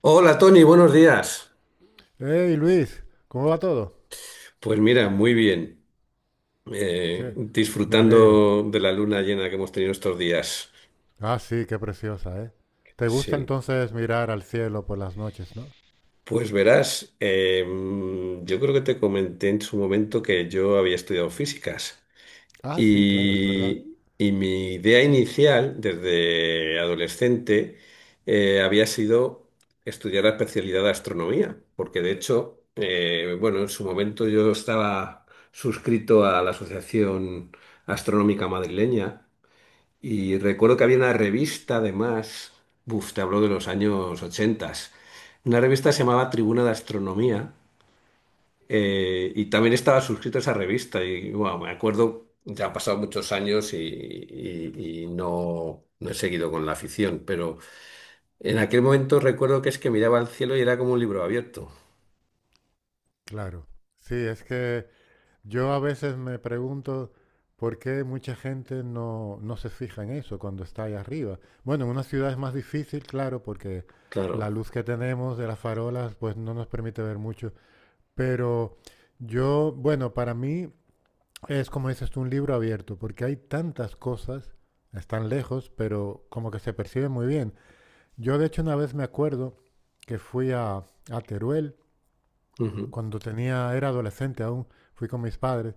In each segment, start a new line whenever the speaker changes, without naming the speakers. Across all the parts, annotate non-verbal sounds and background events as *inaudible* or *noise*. Hola Tony, buenos días.
Hey Luis, ¿cómo va todo?
Pues mira, muy bien.
¿Qué? Me alegro.
Disfrutando de la luna llena que hemos tenido estos días.
Ah, sí, qué preciosa, ¿eh? ¿Te gusta
Sí.
entonces mirar al cielo por las noches, no?
Pues verás, yo creo que te comenté en su momento que yo había estudiado físicas.
Ah, sí, claro, es verdad.
Y mi idea inicial, desde adolescente, había sido estudiar la especialidad de astronomía, porque de hecho, bueno, en su momento yo estaba suscrito a la Asociación Astronómica Madrileña y recuerdo que había una revista, además, buf, te hablo de los años 80, una revista que se llamaba Tribuna de Astronomía y también estaba suscrito a esa revista y bueno, me acuerdo, ya han pasado muchos años y, y no, no he seguido con la afición, pero en aquel momento recuerdo que es que miraba al cielo y era como un libro abierto.
Claro. Sí, es que yo a veces me pregunto por qué mucha gente no se fija en eso cuando está ahí arriba. Bueno, en una ciudad es más difícil, claro, porque la
Claro,
luz que tenemos de las farolas pues no nos permite ver mucho. Pero yo, bueno, para mí es como dices tú, un libro abierto, porque hay tantas cosas, están lejos, pero como que se percibe muy bien. Yo de hecho una vez me acuerdo que fui a Teruel,
ujú,
cuando tenía, era adolescente aún, fui con mis padres,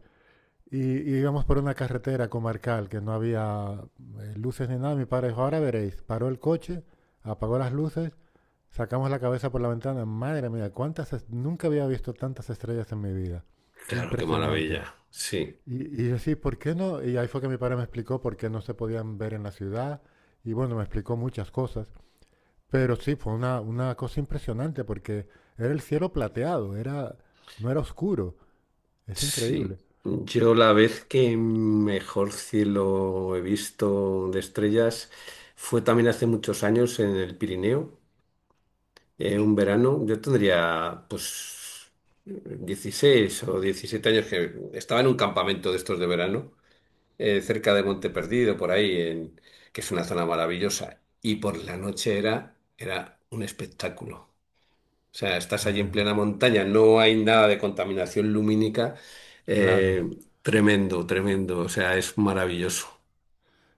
y íbamos por una carretera comarcal que no había luces ni nada. Mi padre dijo, ahora veréis, paró el coche, apagó las luces, sacamos la cabeza por la ventana, madre mía, cuántas, nunca había visto tantas estrellas en mi vida.
claro, qué
Impresionante.
maravilla. Sí,
Y yo sí, ¿por qué no? Y ahí fue que mi padre me explicó por qué no se podían ver en la ciudad. Y bueno, me explicó muchas cosas. Pero sí, fue una cosa impresionante porque era el cielo plateado, era, no era oscuro. Es
sí.
increíble.
Yo la vez que mejor cielo he visto de estrellas fue también hace muchos años en el Pirineo. Un verano, yo tendría pues 16 o 17 años que estaba en un campamento de estos de verano, cerca de Monte Perdido, por ahí, en, que es una zona maravillosa. Y por la noche era, era un espectáculo. O sea, estás allí en
Eh,
plena montaña, no hay nada de contaminación lumínica. eh,
claro.
Tremendo, tremendo. O sea, es maravilloso.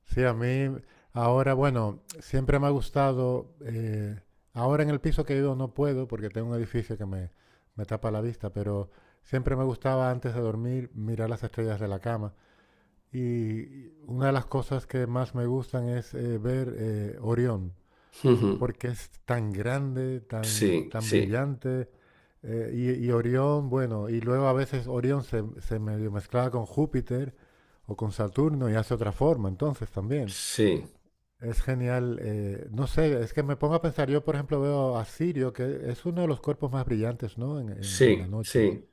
Sí, a mí ahora, bueno, siempre me ha gustado. Ahora en el piso que vivo no puedo porque tengo un edificio que me tapa la vista, pero siempre me gustaba antes de dormir mirar las estrellas de la cama. Y una de las cosas que más me gustan es ver Orión,
*laughs* Ujú.
porque es tan grande, tan,
Sí,
tan
sí,
brillante. Y, y Orión, bueno, y luego a veces Orión se medio mezclaba con Júpiter o con Saturno y hace otra forma, entonces también.
sí,
Es genial. No sé, es que me pongo a pensar, yo por ejemplo veo a Sirio, que es uno de los cuerpos más brillantes, ¿no? En, en la
sí,
noche.
sí.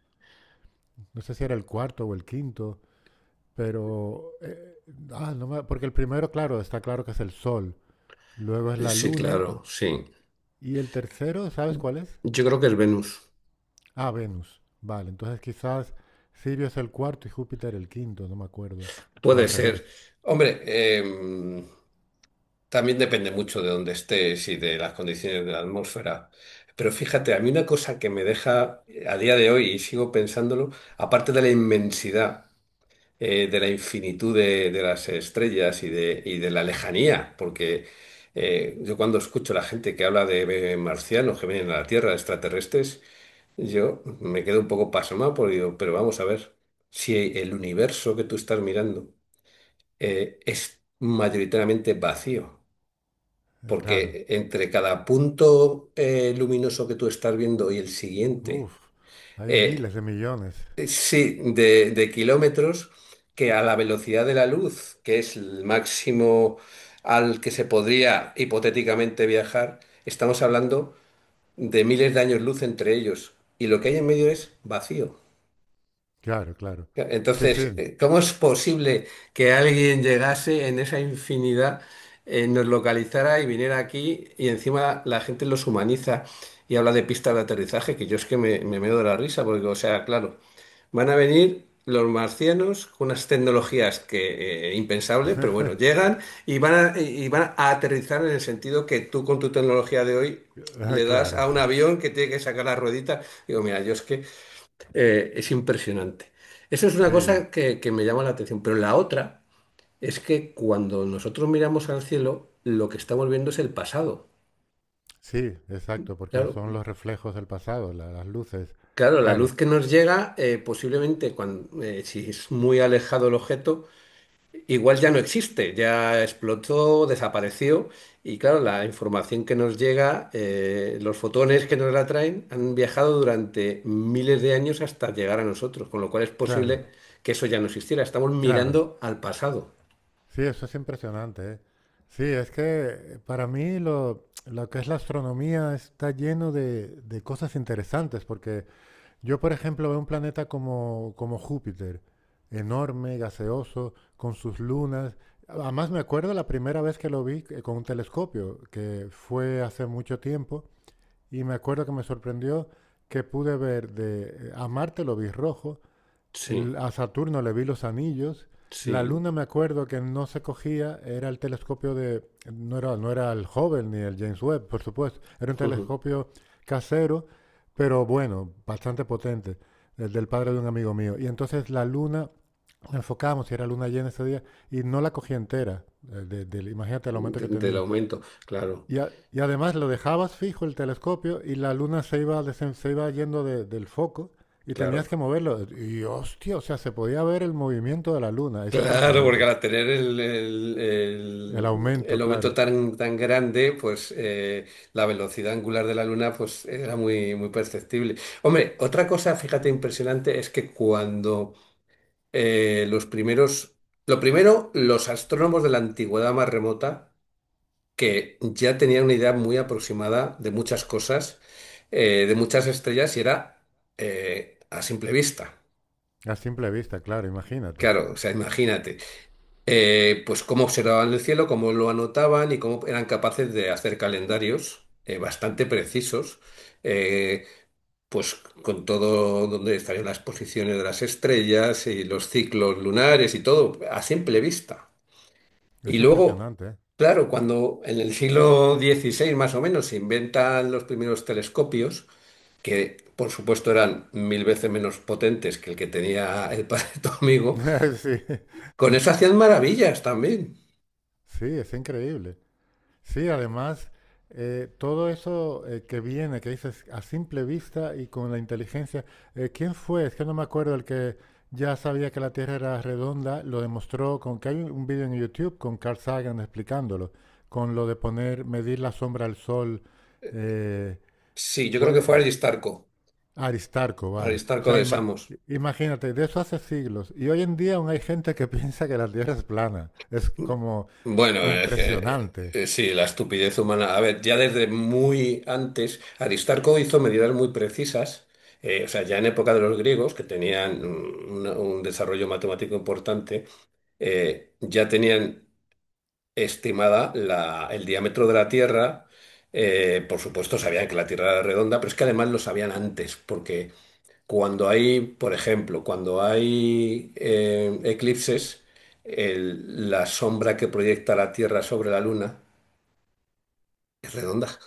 No sé si era el cuarto o el quinto. Pero, ah, no me- porque el primero, claro, está claro que es el Sol, luego es la
Sí,
Luna
claro, sí.
y el tercero, ¿sabes cuál es?
Yo creo que es Venus.
Ah, Venus. Vale, entonces quizás Sirio es el cuarto y Júpiter el quinto, no me acuerdo. O al
Puede ser.
revés,
Hombre, em, también depende mucho de dónde estés y de las condiciones de la atmósfera. Pero fíjate, a mí una cosa que me deja a día de hoy y sigo pensándolo, aparte de la inmensidad, de la infinitud de las estrellas y de la lejanía, porque yo cuando escucho a la gente que habla de marcianos que vienen a la Tierra, extraterrestres, yo me quedo un poco pasmado porque digo, pero vamos a ver, si el universo que tú estás mirando es mayoritariamente vacío,
claro.
porque entre cada punto luminoso que tú estás viendo y el siguiente,
Uf, hay miles
eh,
de millones.
sí, de kilómetros, que a la velocidad de la luz, que es el máximo al que se podría hipotéticamente viajar, estamos hablando de miles de años luz entre ellos, y lo que hay en medio es vacío.
Claro, claro. Sí,
Entonces,
sí.
¿cómo es posible que alguien llegase en esa infinidad, nos localizara y viniera aquí y encima la gente los humaniza y habla de pistas de aterrizaje? Que yo es que me meo de la risa porque, o sea, claro, van a venir los marcianos con unas tecnologías que impensables, pero bueno,
*laughs*
llegan y y van a aterrizar en el sentido que tú con tu tecnología de hoy
Ah,
le das
claro,
a un avión que tiene que sacar la ruedita. Digo, mira, yo es que es impresionante. Eso es una
sí,
cosa que me llama la atención, pero la otra es que cuando nosotros miramos al cielo, lo que estamos viendo es el pasado.
sí, exacto, porque
Claro,
son los reflejos del pasado, las luces.
claro, la
Claro,
luz que nos llega, posiblemente cuando, si es muy alejado el objeto, igual ya no existe, ya explotó, desapareció y claro, la información que nos llega, los fotones que nos la traen han viajado durante miles de años hasta llegar a nosotros, con lo cual es
claro,
posible que eso ya no existiera. Estamos
claro.
mirando al pasado.
Sí, eso es impresionante, ¿eh? Sí, es que para mí lo que es la astronomía está lleno de cosas interesantes, porque yo, por ejemplo, veo un planeta como, como Júpiter, enorme, gaseoso, con sus lunas. Además, me acuerdo la primera vez que lo vi con un telescopio, que fue hace mucho tiempo, y me acuerdo que me sorprendió que pude ver de, a Marte lo vi rojo,
Sí,
a Saturno le vi los anillos. La
sí.
luna me acuerdo que no se cogía, era el telescopio de, no era, no era el Hubble ni el James Webb, por supuesto, era un telescopio casero, pero bueno, bastante potente, el del padre de un amigo mío. Y entonces la luna, enfocábamos, si era luna llena ese día, y no la cogí entera, imagínate
*laughs*
el aumento que
Del
tenía.
aumento, claro,
Y, y además lo dejabas fijo el telescopio y la luna se iba, se iba yendo del foco y tenías que
claro.
moverlo. Y hostia, o sea, se podía ver el movimiento de la luna. Es
Claro, porque
impresionante.
al tener el, el-
El
el-
aumento,
el aumento
claro.
tan, tan grande, pues la velocidad angular de la Luna pues era muy, muy perceptible. Hombre, otra cosa, fíjate, impresionante es que cuando eh, los primeros, lo primero, los astrónomos de la antigüedad más remota, que ya tenían una idea muy aproximada de muchas cosas, de muchas estrellas, y era a simple vista.
A simple vista, claro, imagínate.
Claro, o sea, imagínate. Pues cómo observaban el cielo, cómo lo anotaban y cómo eran capaces de hacer calendarios bastante precisos, eh, pues con todo donde estarían las posiciones de las estrellas y los ciclos lunares y todo, a simple vista. Y
Es
luego,
impresionante, ¿eh?
claro, cuando en el siglo XVI más o menos se inventan los primeros telescopios, que por supuesto eran mil veces menos potentes que el que tenía el padre de tu amigo,
*laughs* Sí,
con eso hacían maravillas también.
sí, es increíble. Sí, además, todo eso que viene, que dices a simple vista y con la inteligencia, ¿quién fue? Es que no me acuerdo el que ya sabía que la Tierra era redonda, lo demostró con que hay un vídeo en YouTube con Carl Sagan explicándolo, con lo de poner, medir la sombra al sol, eh,
Sí, yo creo que
fue
fue Aristarco,
Aristarco, vale. O
Aristarco
sea,
de Samos.
imagínate, de eso hace siglos. Y hoy en día aún hay gente que *laughs* piensa que la Tierra es plana. Es como
Bueno, es que,
impresionante.
sí, la estupidez humana. A ver, ya desde muy antes, Aristarco hizo medidas muy precisas, o sea, ya en época de los griegos, que tenían un desarrollo matemático importante, ya tenían estimada el diámetro de la Tierra. Por supuesto, sabían que la Tierra era redonda, pero es que además lo sabían antes, porque cuando hay, por ejemplo, cuando hay eclipses, la sombra que proyecta la Tierra sobre la Luna es redonda. *laughs*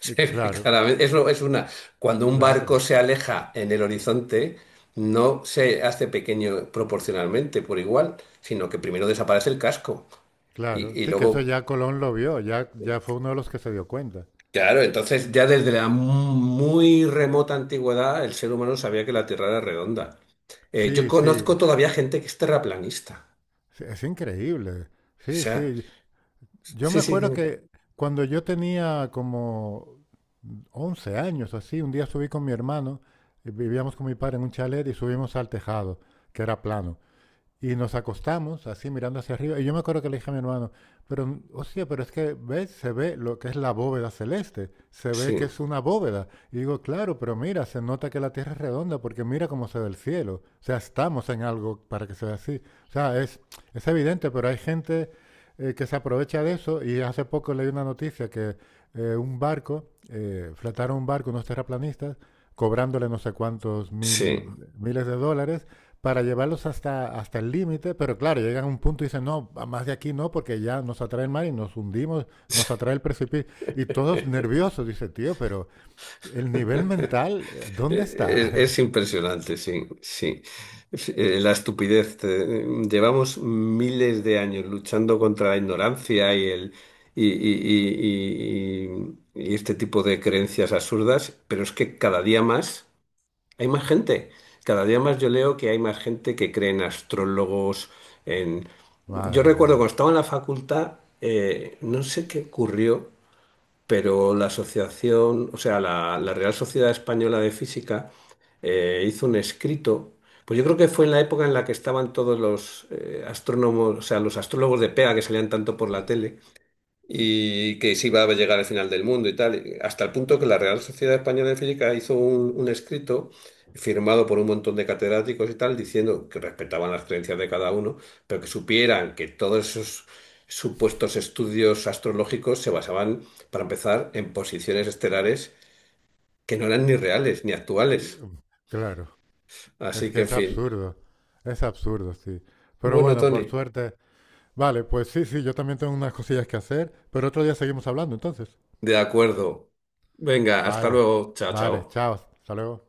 O sea, se ve
Claro,
claramente. Eso es una. Cuando un barco
claro.
se aleja en el horizonte, no se hace pequeño proporcionalmente por igual, sino que primero desaparece el casco
Claro,
y
sí, que eso
luego.
ya Colón lo vio, ya, ya fue uno de los que se dio cuenta.
Claro, entonces ya desde la muy remota antigüedad el ser humano sabía que la Tierra era redonda. Yo
Sí,
conozco
sí,
todavía gente que es terraplanista.
sí, es increíble. Sí,
Sea,
sí. Yo
sí,
me
sí,
acuerdo
dime.
que cuando yo tenía como 11 años o así, un día subí con mi hermano, y vivíamos con mi padre en un chalet y subimos al tejado, que era plano. Y nos acostamos así mirando hacia arriba. Y yo me acuerdo que le dije a mi hermano, pero, hostia, pero es que, ¿ves? Se ve lo que es la bóveda celeste. Se ve
Sí,
que es una bóveda. Y digo, claro, pero mira, se nota que la Tierra es redonda porque mira cómo se ve el cielo. O sea, estamos en algo para que sea así. O sea, es evidente, pero hay gente que se aprovecha de eso. Y hace poco leí una noticia que fletaron un barco, unos terraplanistas, cobrándole no sé cuántos
sí.
mil, miles de dólares para llevarlos hasta, hasta el límite, pero claro, llegan a un punto y dicen, no, más de aquí no, porque ya nos atrae el mar y nos hundimos, nos atrae
*laughs*
el precipicio. Y todos nerviosos, dice, tío, pero el nivel mental, ¿dónde está? *laughs*
Es impresionante, sí, sí. Sí, la estupidez. Llevamos miles de años luchando contra la ignorancia y el y, y- y- y este tipo de creencias absurdas, pero es que cada día más hay más gente. Cada día más yo leo que hay más gente que cree en astrólogos, en... Yo
Madre
recuerdo cuando
mía.
estaba en la facultad, no sé qué ocurrió. Pero la asociación, o sea, la Real Sociedad Española de Física hizo un escrito, pues yo creo que fue en la época en la que estaban todos los o sea, los astrólogos de pega que salían tanto por la tele, y que se iba a llegar al final del mundo y tal, hasta el punto que la Real Sociedad Española de Física hizo un escrito firmado por un montón de catedráticos y tal, diciendo que respetaban las creencias de cada uno, pero que supieran que todos esos supuestos estudios astrológicos se basaban, para empezar, en posiciones estelares que no eran ni reales ni
Y,
actuales.
um, Claro, es
Así
que
que, en fin.
es absurdo, sí. Pero
Bueno,
bueno, por
Tony,
suerte, vale, pues sí, sí, yo también tengo unas cosillas que hacer, pero otro día seguimos hablando, entonces.
de acuerdo. Venga, hasta
Vale,
luego. Chao,
vale,
chao.
chao, hasta luego.